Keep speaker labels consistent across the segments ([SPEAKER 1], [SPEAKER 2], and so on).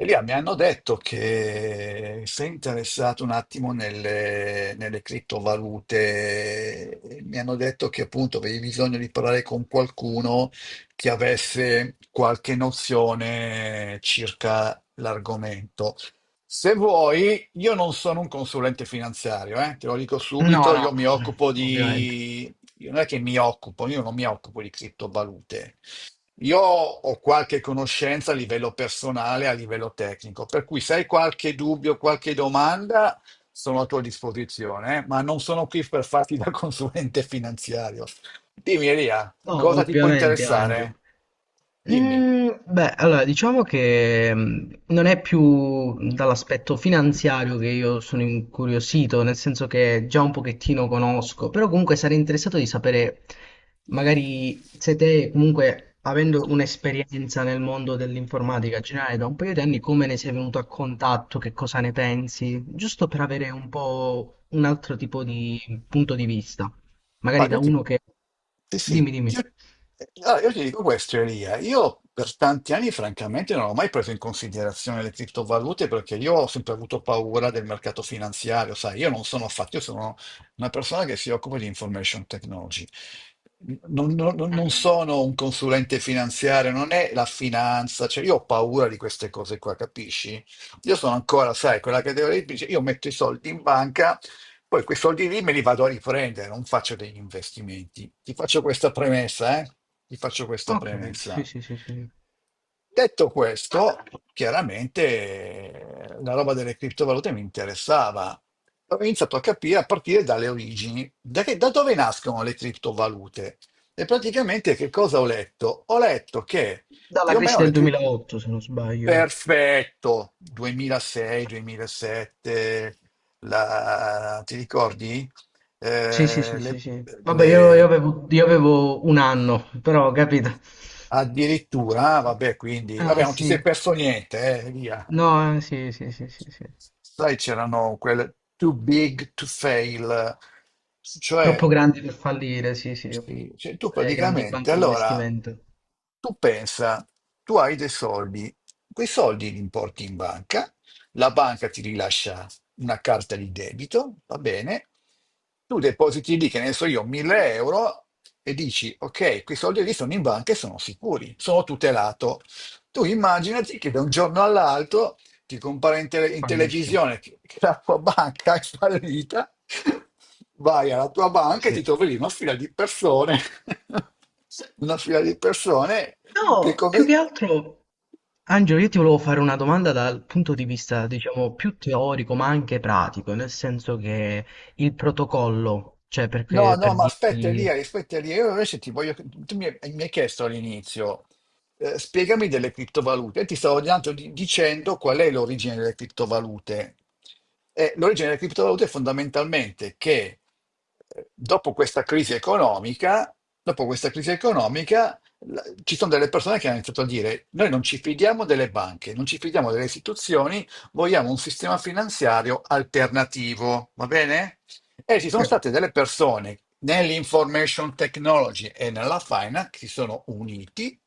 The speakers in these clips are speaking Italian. [SPEAKER 1] Elia, mi hanno detto che sei interessato un attimo nelle criptovalute, e mi hanno detto che appunto avevi bisogno di parlare con qualcuno che avesse qualche nozione circa l'argomento. Se vuoi, io non sono un consulente finanziario, te lo dico
[SPEAKER 2] No,
[SPEAKER 1] subito,
[SPEAKER 2] no,
[SPEAKER 1] io mi occupo
[SPEAKER 2] ovviamente.
[SPEAKER 1] di... io Non è che mi occupo, io non mi occupo di criptovalute. Io ho qualche conoscenza a livello personale, a livello tecnico, per cui se hai qualche dubbio, qualche domanda, sono a tua disposizione, ma non sono qui per farti da consulente finanziario. Dimmi, Elia,
[SPEAKER 2] No,
[SPEAKER 1] cosa ti può
[SPEAKER 2] ovviamente, Angelo.
[SPEAKER 1] interessare? Dimmi.
[SPEAKER 2] Beh, allora diciamo che non è più dall'aspetto finanziario che io sono incuriosito, nel senso che già un pochettino conosco, però comunque sarei interessato di sapere, magari se te comunque avendo un'esperienza nel mondo dell'informatica generale da un paio di anni, come ne sei venuto a contatto, che cosa ne pensi, giusto per avere un po' un altro tipo di punto di vista,
[SPEAKER 1] Ma
[SPEAKER 2] magari
[SPEAKER 1] io
[SPEAKER 2] da
[SPEAKER 1] ti,
[SPEAKER 2] uno che...
[SPEAKER 1] sì, sì,
[SPEAKER 2] Dimmi, dimmi.
[SPEAKER 1] io, io ti dico questo, Elia. Io per tanti anni, francamente, non ho mai preso in considerazione le criptovalute perché io ho sempre avuto paura del mercato finanziario, sai, io non sono affatto, io sono una persona che si occupa di information technology. Non sono un consulente finanziario, non è la finanza, cioè io ho paura di queste cose qua, capisci? Io sono ancora, sai, quella categoria che dice io metto i soldi in banca. Poi quei soldi lì me li vado a riprendere, non faccio degli investimenti. Ti faccio questa premessa, eh? Ti faccio questa
[SPEAKER 2] Ho capito, sì,
[SPEAKER 1] premessa.
[SPEAKER 2] sì, sì, sì.
[SPEAKER 1] Detto questo, chiaramente la roba delle criptovalute mi interessava. Ho iniziato a capire a partire dalle origini, da dove nascono le criptovalute. E praticamente che cosa ho letto? Ho letto che
[SPEAKER 2] Dalla
[SPEAKER 1] più o
[SPEAKER 2] crisi
[SPEAKER 1] meno le
[SPEAKER 2] del
[SPEAKER 1] criptovalute.
[SPEAKER 2] 2008, se non sbaglio.
[SPEAKER 1] Perfetto, 2006-2007, la... ti ricordi?
[SPEAKER 2] Sì, sì,
[SPEAKER 1] Eh,
[SPEAKER 2] sì, sì,
[SPEAKER 1] le,
[SPEAKER 2] sì. Vabbè, io, io
[SPEAKER 1] le-
[SPEAKER 2] avevo, io avevo 1 anno, però ho capito.
[SPEAKER 1] Addirittura, vabbè, quindi, vabbè,
[SPEAKER 2] Eh
[SPEAKER 1] non ti
[SPEAKER 2] sì,
[SPEAKER 1] sei perso niente, via.
[SPEAKER 2] no, sì, sì, sì, sì, sì.
[SPEAKER 1] Sai, c'erano quelle too big to fail,
[SPEAKER 2] Troppo
[SPEAKER 1] cioè
[SPEAKER 2] grandi per fallire, sì, sì.
[SPEAKER 1] sì, cioè tu
[SPEAKER 2] Le grandi
[SPEAKER 1] praticamente,
[SPEAKER 2] banche di
[SPEAKER 1] allora,
[SPEAKER 2] investimento
[SPEAKER 1] tu pensa, tu hai dei soldi, quei soldi li importi in banca, la banca ti rilascia una carta di debito, va bene, tu depositi lì, che ne so io, 1000 euro e dici, ok, quei soldi lì sono in banca e sono sicuri, sono tutelato. Tu immaginati che da un giorno all'altro ti compare in
[SPEAKER 2] fallisce.
[SPEAKER 1] televisione che la tua banca è fallita, vai alla tua
[SPEAKER 2] Eh
[SPEAKER 1] banca e
[SPEAKER 2] sì.
[SPEAKER 1] ti trovi lì una fila di persone, una fila di persone che
[SPEAKER 2] No, più che
[SPEAKER 1] come,
[SPEAKER 2] altro Angelo, io ti volevo fare una domanda dal punto di vista, diciamo, più teorico, ma anche pratico, nel senso che il protocollo, cioè
[SPEAKER 1] no,
[SPEAKER 2] perché,
[SPEAKER 1] no,
[SPEAKER 2] per
[SPEAKER 1] ma
[SPEAKER 2] dirti...
[SPEAKER 1] aspetta Elia, io invece ti voglio... Tu mi hai chiesto all'inizio, spiegami delle criptovalute. E ti stavo dicendo qual è l'origine delle criptovalute. L'origine delle criptovalute è fondamentalmente che dopo questa crisi economica, dopo questa crisi economica, ci sono delle persone che hanno iniziato a dire noi non ci fidiamo delle banche, non ci fidiamo delle istituzioni, vogliamo un sistema finanziario alternativo, va bene? E ci
[SPEAKER 2] Sì.
[SPEAKER 1] sono state delle persone nell'information technology e nella finance che si sono uniti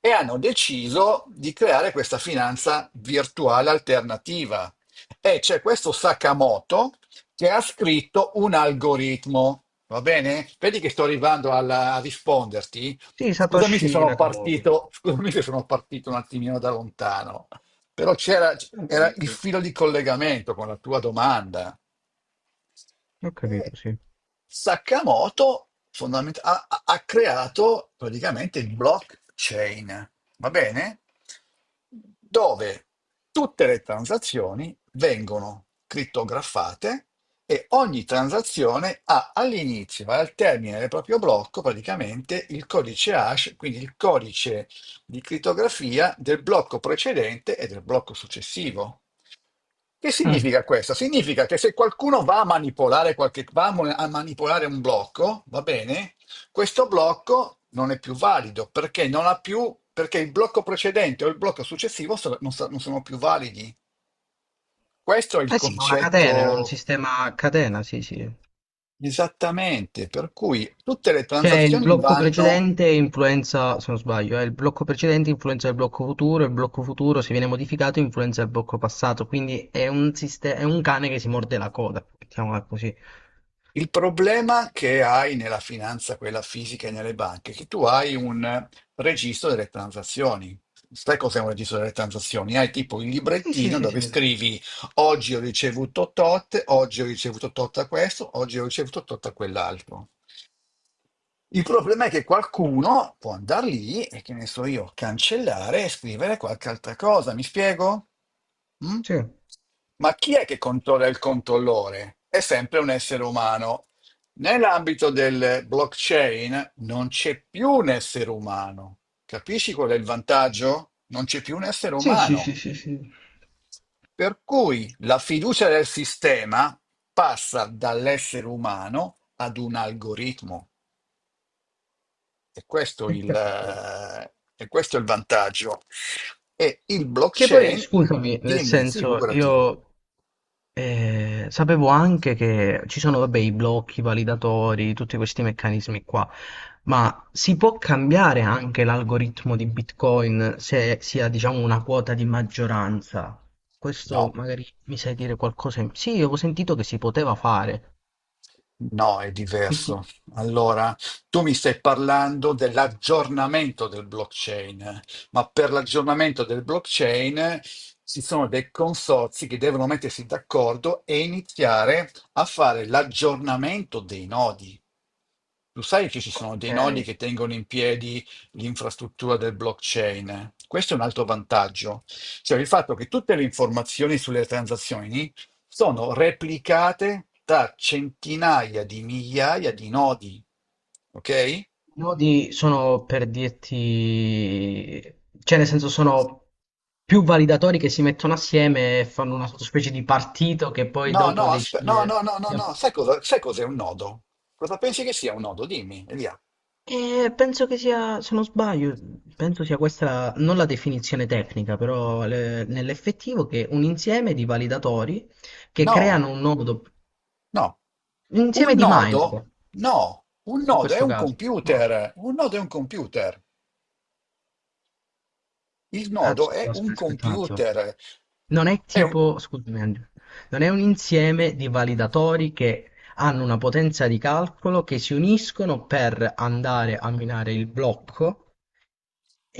[SPEAKER 1] e hanno deciso di creare questa finanza virtuale alternativa. E c'è questo Sakamoto che ha scritto un algoritmo. Va bene? Vedi che sto arrivando a risponderti.
[SPEAKER 2] Sì,
[SPEAKER 1] Scusami se
[SPEAKER 2] Satoshi
[SPEAKER 1] sono
[SPEAKER 2] Nakamoto.
[SPEAKER 1] partito, scusami se sono partito un attimino da lontano, però c'era
[SPEAKER 2] Va
[SPEAKER 1] era
[SPEAKER 2] bene,
[SPEAKER 1] il
[SPEAKER 2] sì.
[SPEAKER 1] filo di collegamento con la tua domanda.
[SPEAKER 2] Ho
[SPEAKER 1] E
[SPEAKER 2] capito, sì.
[SPEAKER 1] Sakamoto fondament- ha, ha- ha creato praticamente il blockchain, va bene? Dove tutte le transazioni vengono crittografate e ogni transazione ha all'inizio e al termine del proprio blocco praticamente il codice hash, quindi il codice di crittografia del blocco precedente e del blocco successivo. Che
[SPEAKER 2] Mm.
[SPEAKER 1] significa questo? Significa che se qualcuno va a manipolare, qualche, va a mo- a manipolare un blocco, va bene, questo blocco non è più valido perché non ha più, perché il blocco precedente o il blocco successivo non sono più validi. Questo è il
[SPEAKER 2] Eh sì, è una catena, era un
[SPEAKER 1] concetto
[SPEAKER 2] sistema a catena, sì, sì.
[SPEAKER 1] esattamente, per cui tutte le
[SPEAKER 2] Cioè il
[SPEAKER 1] transazioni
[SPEAKER 2] blocco
[SPEAKER 1] vanno.
[SPEAKER 2] precedente influenza, se non sbaglio, il blocco precedente influenza il blocco futuro se viene modificato influenza il blocco passato, quindi è un, siste- è un cane che si morde la coda, mettiamola così.
[SPEAKER 1] Il problema che hai nella finanza, quella fisica e nelle banche, è che tu hai un registro delle transazioni. Sai cos'è un registro delle transazioni? Hai tipo il
[SPEAKER 2] Sì, sì,
[SPEAKER 1] librettino
[SPEAKER 2] sì,
[SPEAKER 1] dove
[SPEAKER 2] sì.
[SPEAKER 1] scrivi oggi ho ricevuto tot, oggi ho ricevuto tot a questo, oggi ho ricevuto tot a quell'altro. Il problema è che qualcuno può andare lì e che ne so io, cancellare e scrivere qualche altra cosa, mi spiego? Mm?
[SPEAKER 2] Sì.
[SPEAKER 1] Ma chi è che controlla il controllore? È sempre un essere umano. Nell'ambito del blockchain non c'è più un essere umano. Capisci qual è il vantaggio? Non c'è più un essere
[SPEAKER 2] Sì, sì,
[SPEAKER 1] umano.
[SPEAKER 2] sì, sì, sì.
[SPEAKER 1] Per cui la fiducia del sistema passa dall'essere umano ad un algoritmo.
[SPEAKER 2] È chiaro, è chiaro.
[SPEAKER 1] E questo è il vantaggio. E il
[SPEAKER 2] Che poi,
[SPEAKER 1] blockchain,
[SPEAKER 2] scusami, nel
[SPEAKER 1] dimmi,
[SPEAKER 2] senso,
[SPEAKER 1] figurati.
[SPEAKER 2] io sapevo anche che ci sono, vabbè, i blocchi, i validatori, tutti questi meccanismi qua, ma si può cambiare anche l'algoritmo di Bitcoin se si ha, diciamo, una quota di maggioranza. Questo
[SPEAKER 1] No,
[SPEAKER 2] magari mi sai dire qualcosa in... Sì, avevo sentito che si poteva fare.
[SPEAKER 1] No, è
[SPEAKER 2] Che si...
[SPEAKER 1] diverso. Allora, tu mi stai parlando dell'aggiornamento del blockchain, ma per l'aggiornamento del blockchain ci sono dei consorzi che devono mettersi d'accordo e iniziare a fare l'aggiornamento dei nodi. Tu sai che ci sono
[SPEAKER 2] Ok.
[SPEAKER 1] dei nodi che tengono in piedi l'infrastruttura del blockchain. Questo è un altro vantaggio, cioè il fatto che tutte le informazioni sulle transazioni sono replicate da centinaia di migliaia di nodi. Ok?
[SPEAKER 2] Nodi sono per dirti, cioè nel senso sono più validatori che si mettono assieme e fanno una specie di partito che poi dopo
[SPEAKER 1] No, no,
[SPEAKER 2] decide.
[SPEAKER 1] no, no, no. Sai cos'è un nodo? Cosa pensi che sia un nodo? Dimmi, Elia.
[SPEAKER 2] E penso che sia, se non sbaglio, penso sia questa la- non la definizione tecnica, però le- nell'effettivo che un insieme di validatori che
[SPEAKER 1] No,
[SPEAKER 2] creano un nodo,
[SPEAKER 1] no.
[SPEAKER 2] un insieme
[SPEAKER 1] Un
[SPEAKER 2] di
[SPEAKER 1] nodo,
[SPEAKER 2] minor
[SPEAKER 1] no. Un
[SPEAKER 2] in
[SPEAKER 1] nodo è
[SPEAKER 2] questo
[SPEAKER 1] un
[SPEAKER 2] caso. No.
[SPEAKER 1] computer. Il
[SPEAKER 2] Ah,
[SPEAKER 1] nodo è
[SPEAKER 2] aspetta,
[SPEAKER 1] un
[SPEAKER 2] un attimo.
[SPEAKER 1] computer.
[SPEAKER 2] Non è
[SPEAKER 1] È, un-
[SPEAKER 2] tipo, scusami Angelo, non è un insieme di validatori che hanno una potenza di calcolo che si uniscono per andare a minare il blocco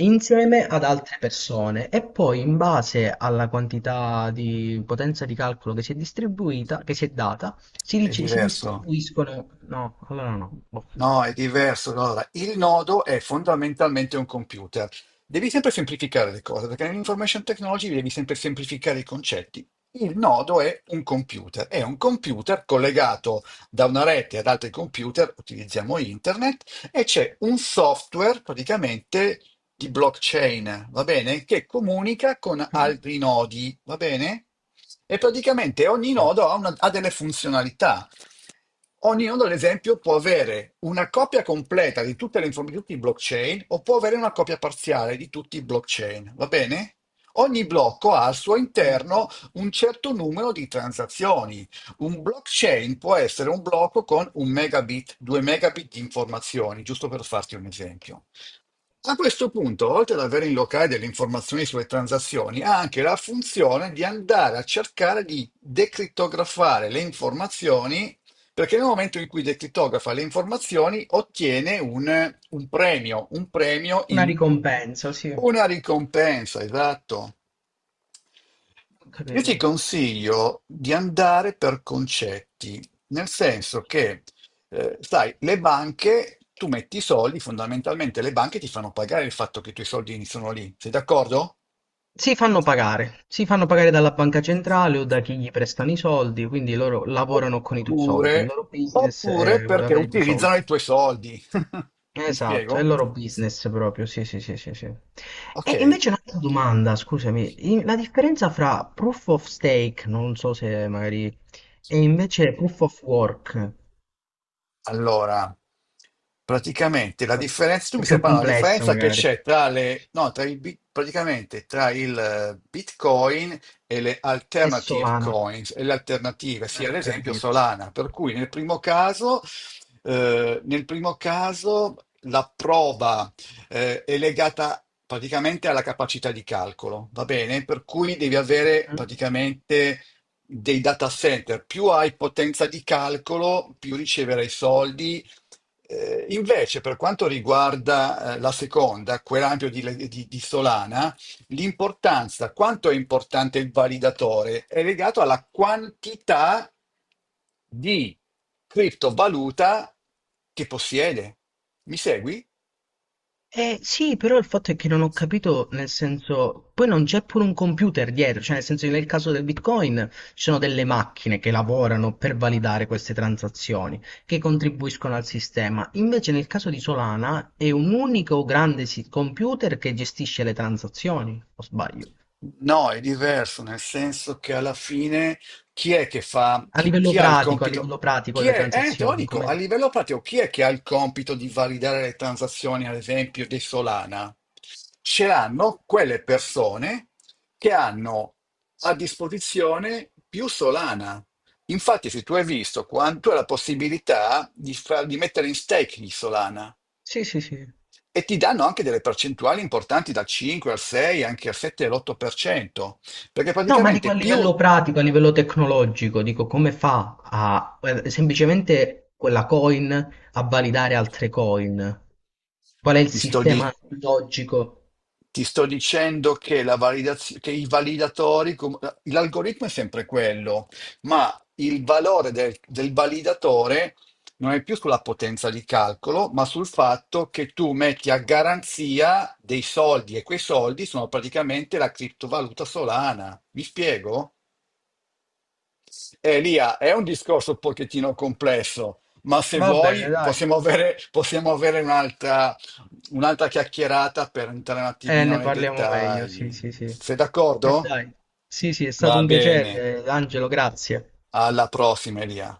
[SPEAKER 2] insieme ad altre persone e poi in base alla quantità di potenza di calcolo che si è distribuita, che si è data, si,
[SPEAKER 1] è
[SPEAKER 2] dice- si
[SPEAKER 1] diverso.
[SPEAKER 2] distribuiscono... No, allora no. Boh.
[SPEAKER 1] No, è diverso. No, allora, il nodo è fondamentalmente un computer. Devi sempre semplificare le cose, perché nell'information technology devi sempre semplificare i concetti. Il nodo è un computer collegato da una rete ad altri computer, utilizziamo internet, e c'è un software praticamente di blockchain, va bene? Che comunica con
[SPEAKER 2] Mm.
[SPEAKER 1] altri nodi, va bene? E praticamente ogni nodo ha delle funzionalità. Ognuno, ad esempio, può avere una copia completa di tutte le informazioni, di tutti i blockchain, o può avere una copia parziale di tutti i blockchain, va bene? Ogni blocco ha al suo interno un certo numero di transazioni. Un blockchain può essere un blocco con un megabit, due megabit di informazioni, giusto per farti un esempio. A questo punto, oltre ad avere in locale delle informazioni sulle transazioni, ha anche la funzione di andare a cercare di decrittografare le informazioni perché nel momento in cui decriptografa le informazioni ottiene un premio
[SPEAKER 2] Una
[SPEAKER 1] in
[SPEAKER 2] ricompensa, sì. Ho
[SPEAKER 1] una ricompensa, esatto. Io ti
[SPEAKER 2] capito.
[SPEAKER 1] consiglio di andare per concetti, nel senso che, sai, le banche, tu metti i soldi, fondamentalmente le banche ti fanno pagare il fatto che i tuoi soldi sono lì, sei d'accordo?
[SPEAKER 2] Si fanno pagare dalla banca centrale o da chi gli prestano i soldi, quindi loro lavorano con i tuoi soldi, il
[SPEAKER 1] Oppure,
[SPEAKER 2] loro business
[SPEAKER 1] oppure
[SPEAKER 2] è
[SPEAKER 1] perché
[SPEAKER 2] avere i tuoi
[SPEAKER 1] utilizzano
[SPEAKER 2] soldi.
[SPEAKER 1] i tuoi soldi. Mi
[SPEAKER 2] Esatto, è il
[SPEAKER 1] spiego?
[SPEAKER 2] loro business proprio, sì, sì, sì, sì, sì. E
[SPEAKER 1] Ok,
[SPEAKER 2] invece un'altra domanda, scusami, in- la differenza fra proof of stake, non so se magari, e invece proof of work,
[SPEAKER 1] allora, praticamente la differenza, tu
[SPEAKER 2] è
[SPEAKER 1] mi stai
[SPEAKER 2] più
[SPEAKER 1] parlando della
[SPEAKER 2] complesso
[SPEAKER 1] differenza che
[SPEAKER 2] magari,
[SPEAKER 1] c'è tra le, no, tra i, bit- praticamente tra il Bitcoin e le
[SPEAKER 2] è
[SPEAKER 1] alternative
[SPEAKER 2] Solana,
[SPEAKER 1] coins, sì, ad
[SPEAKER 2] per
[SPEAKER 1] esempio
[SPEAKER 2] dirti.
[SPEAKER 1] Solana, per cui nel primo caso, eh, nel primo caso, la prova è legata praticamente alla capacità di calcolo, va bene? Per cui devi avere praticamente dei data center, più hai potenza di calcolo, più riceverai soldi. Invece, per quanto riguarda la seconda, quell'ampio di Solana, l'importanza, quanto è importante il validatore, è legato alla quantità di criptovaluta che possiede. Mi segui?
[SPEAKER 2] Eh sì, però il fatto è che non ho capito, nel senso, poi non c'è pure un computer dietro, cioè nel senso che nel caso del Bitcoin ci sono delle macchine che lavorano per validare queste transazioni, che contribuiscono al sistema. Invece nel caso di Solana è un unico grande si- computer che gestisce le transazioni, o sbaglio?
[SPEAKER 1] No, è diverso, nel senso che alla fine chi è che fa, chi ha il
[SPEAKER 2] A
[SPEAKER 1] compito,
[SPEAKER 2] livello pratico
[SPEAKER 1] chi
[SPEAKER 2] le
[SPEAKER 1] è, te lo
[SPEAKER 2] transazioni,
[SPEAKER 1] dico, a
[SPEAKER 2] come...
[SPEAKER 1] livello pratico, chi è che ha il compito di validare le transazioni, ad esempio, di Solana? Ce l'hanno quelle persone che hanno a disposizione più Solana. Infatti, se tu hai visto quanto è la possibilità di mettere in stake di Solana,
[SPEAKER 2] Sì, sì, sì.
[SPEAKER 1] e ti danno anche delle percentuali importanti dal 5 al 6, anche al 7 e all'8%, perché
[SPEAKER 2] No, ma dico a
[SPEAKER 1] praticamente più
[SPEAKER 2] livello pratico, a livello tecnologico, dico come fa a semplicemente quella coin a validare altre coin? Qual è il
[SPEAKER 1] ti sto, di-
[SPEAKER 2] sistema logico?
[SPEAKER 1] ti sto dicendo che i validatori, l'algoritmo è sempre quello, ma il valore del validatore non è più sulla potenza di calcolo, ma sul fatto che tu metti a garanzia dei soldi e quei soldi sono praticamente la criptovaluta Solana. Mi spiego? Elia, è un discorso un pochettino complesso, ma se
[SPEAKER 2] Va bene,
[SPEAKER 1] vuoi
[SPEAKER 2] dai.
[SPEAKER 1] possiamo avere un'altra chiacchierata per entrare un attimino
[SPEAKER 2] Ne
[SPEAKER 1] nei
[SPEAKER 2] parliamo meglio, sì,
[SPEAKER 1] dettagli.
[SPEAKER 2] sì, sì.
[SPEAKER 1] Sei d'accordo?
[SPEAKER 2] Dai. Sì, sì, è
[SPEAKER 1] Va
[SPEAKER 2] stato un
[SPEAKER 1] bene,
[SPEAKER 2] piacere, Angelo, grazie.
[SPEAKER 1] alla prossima, Elia.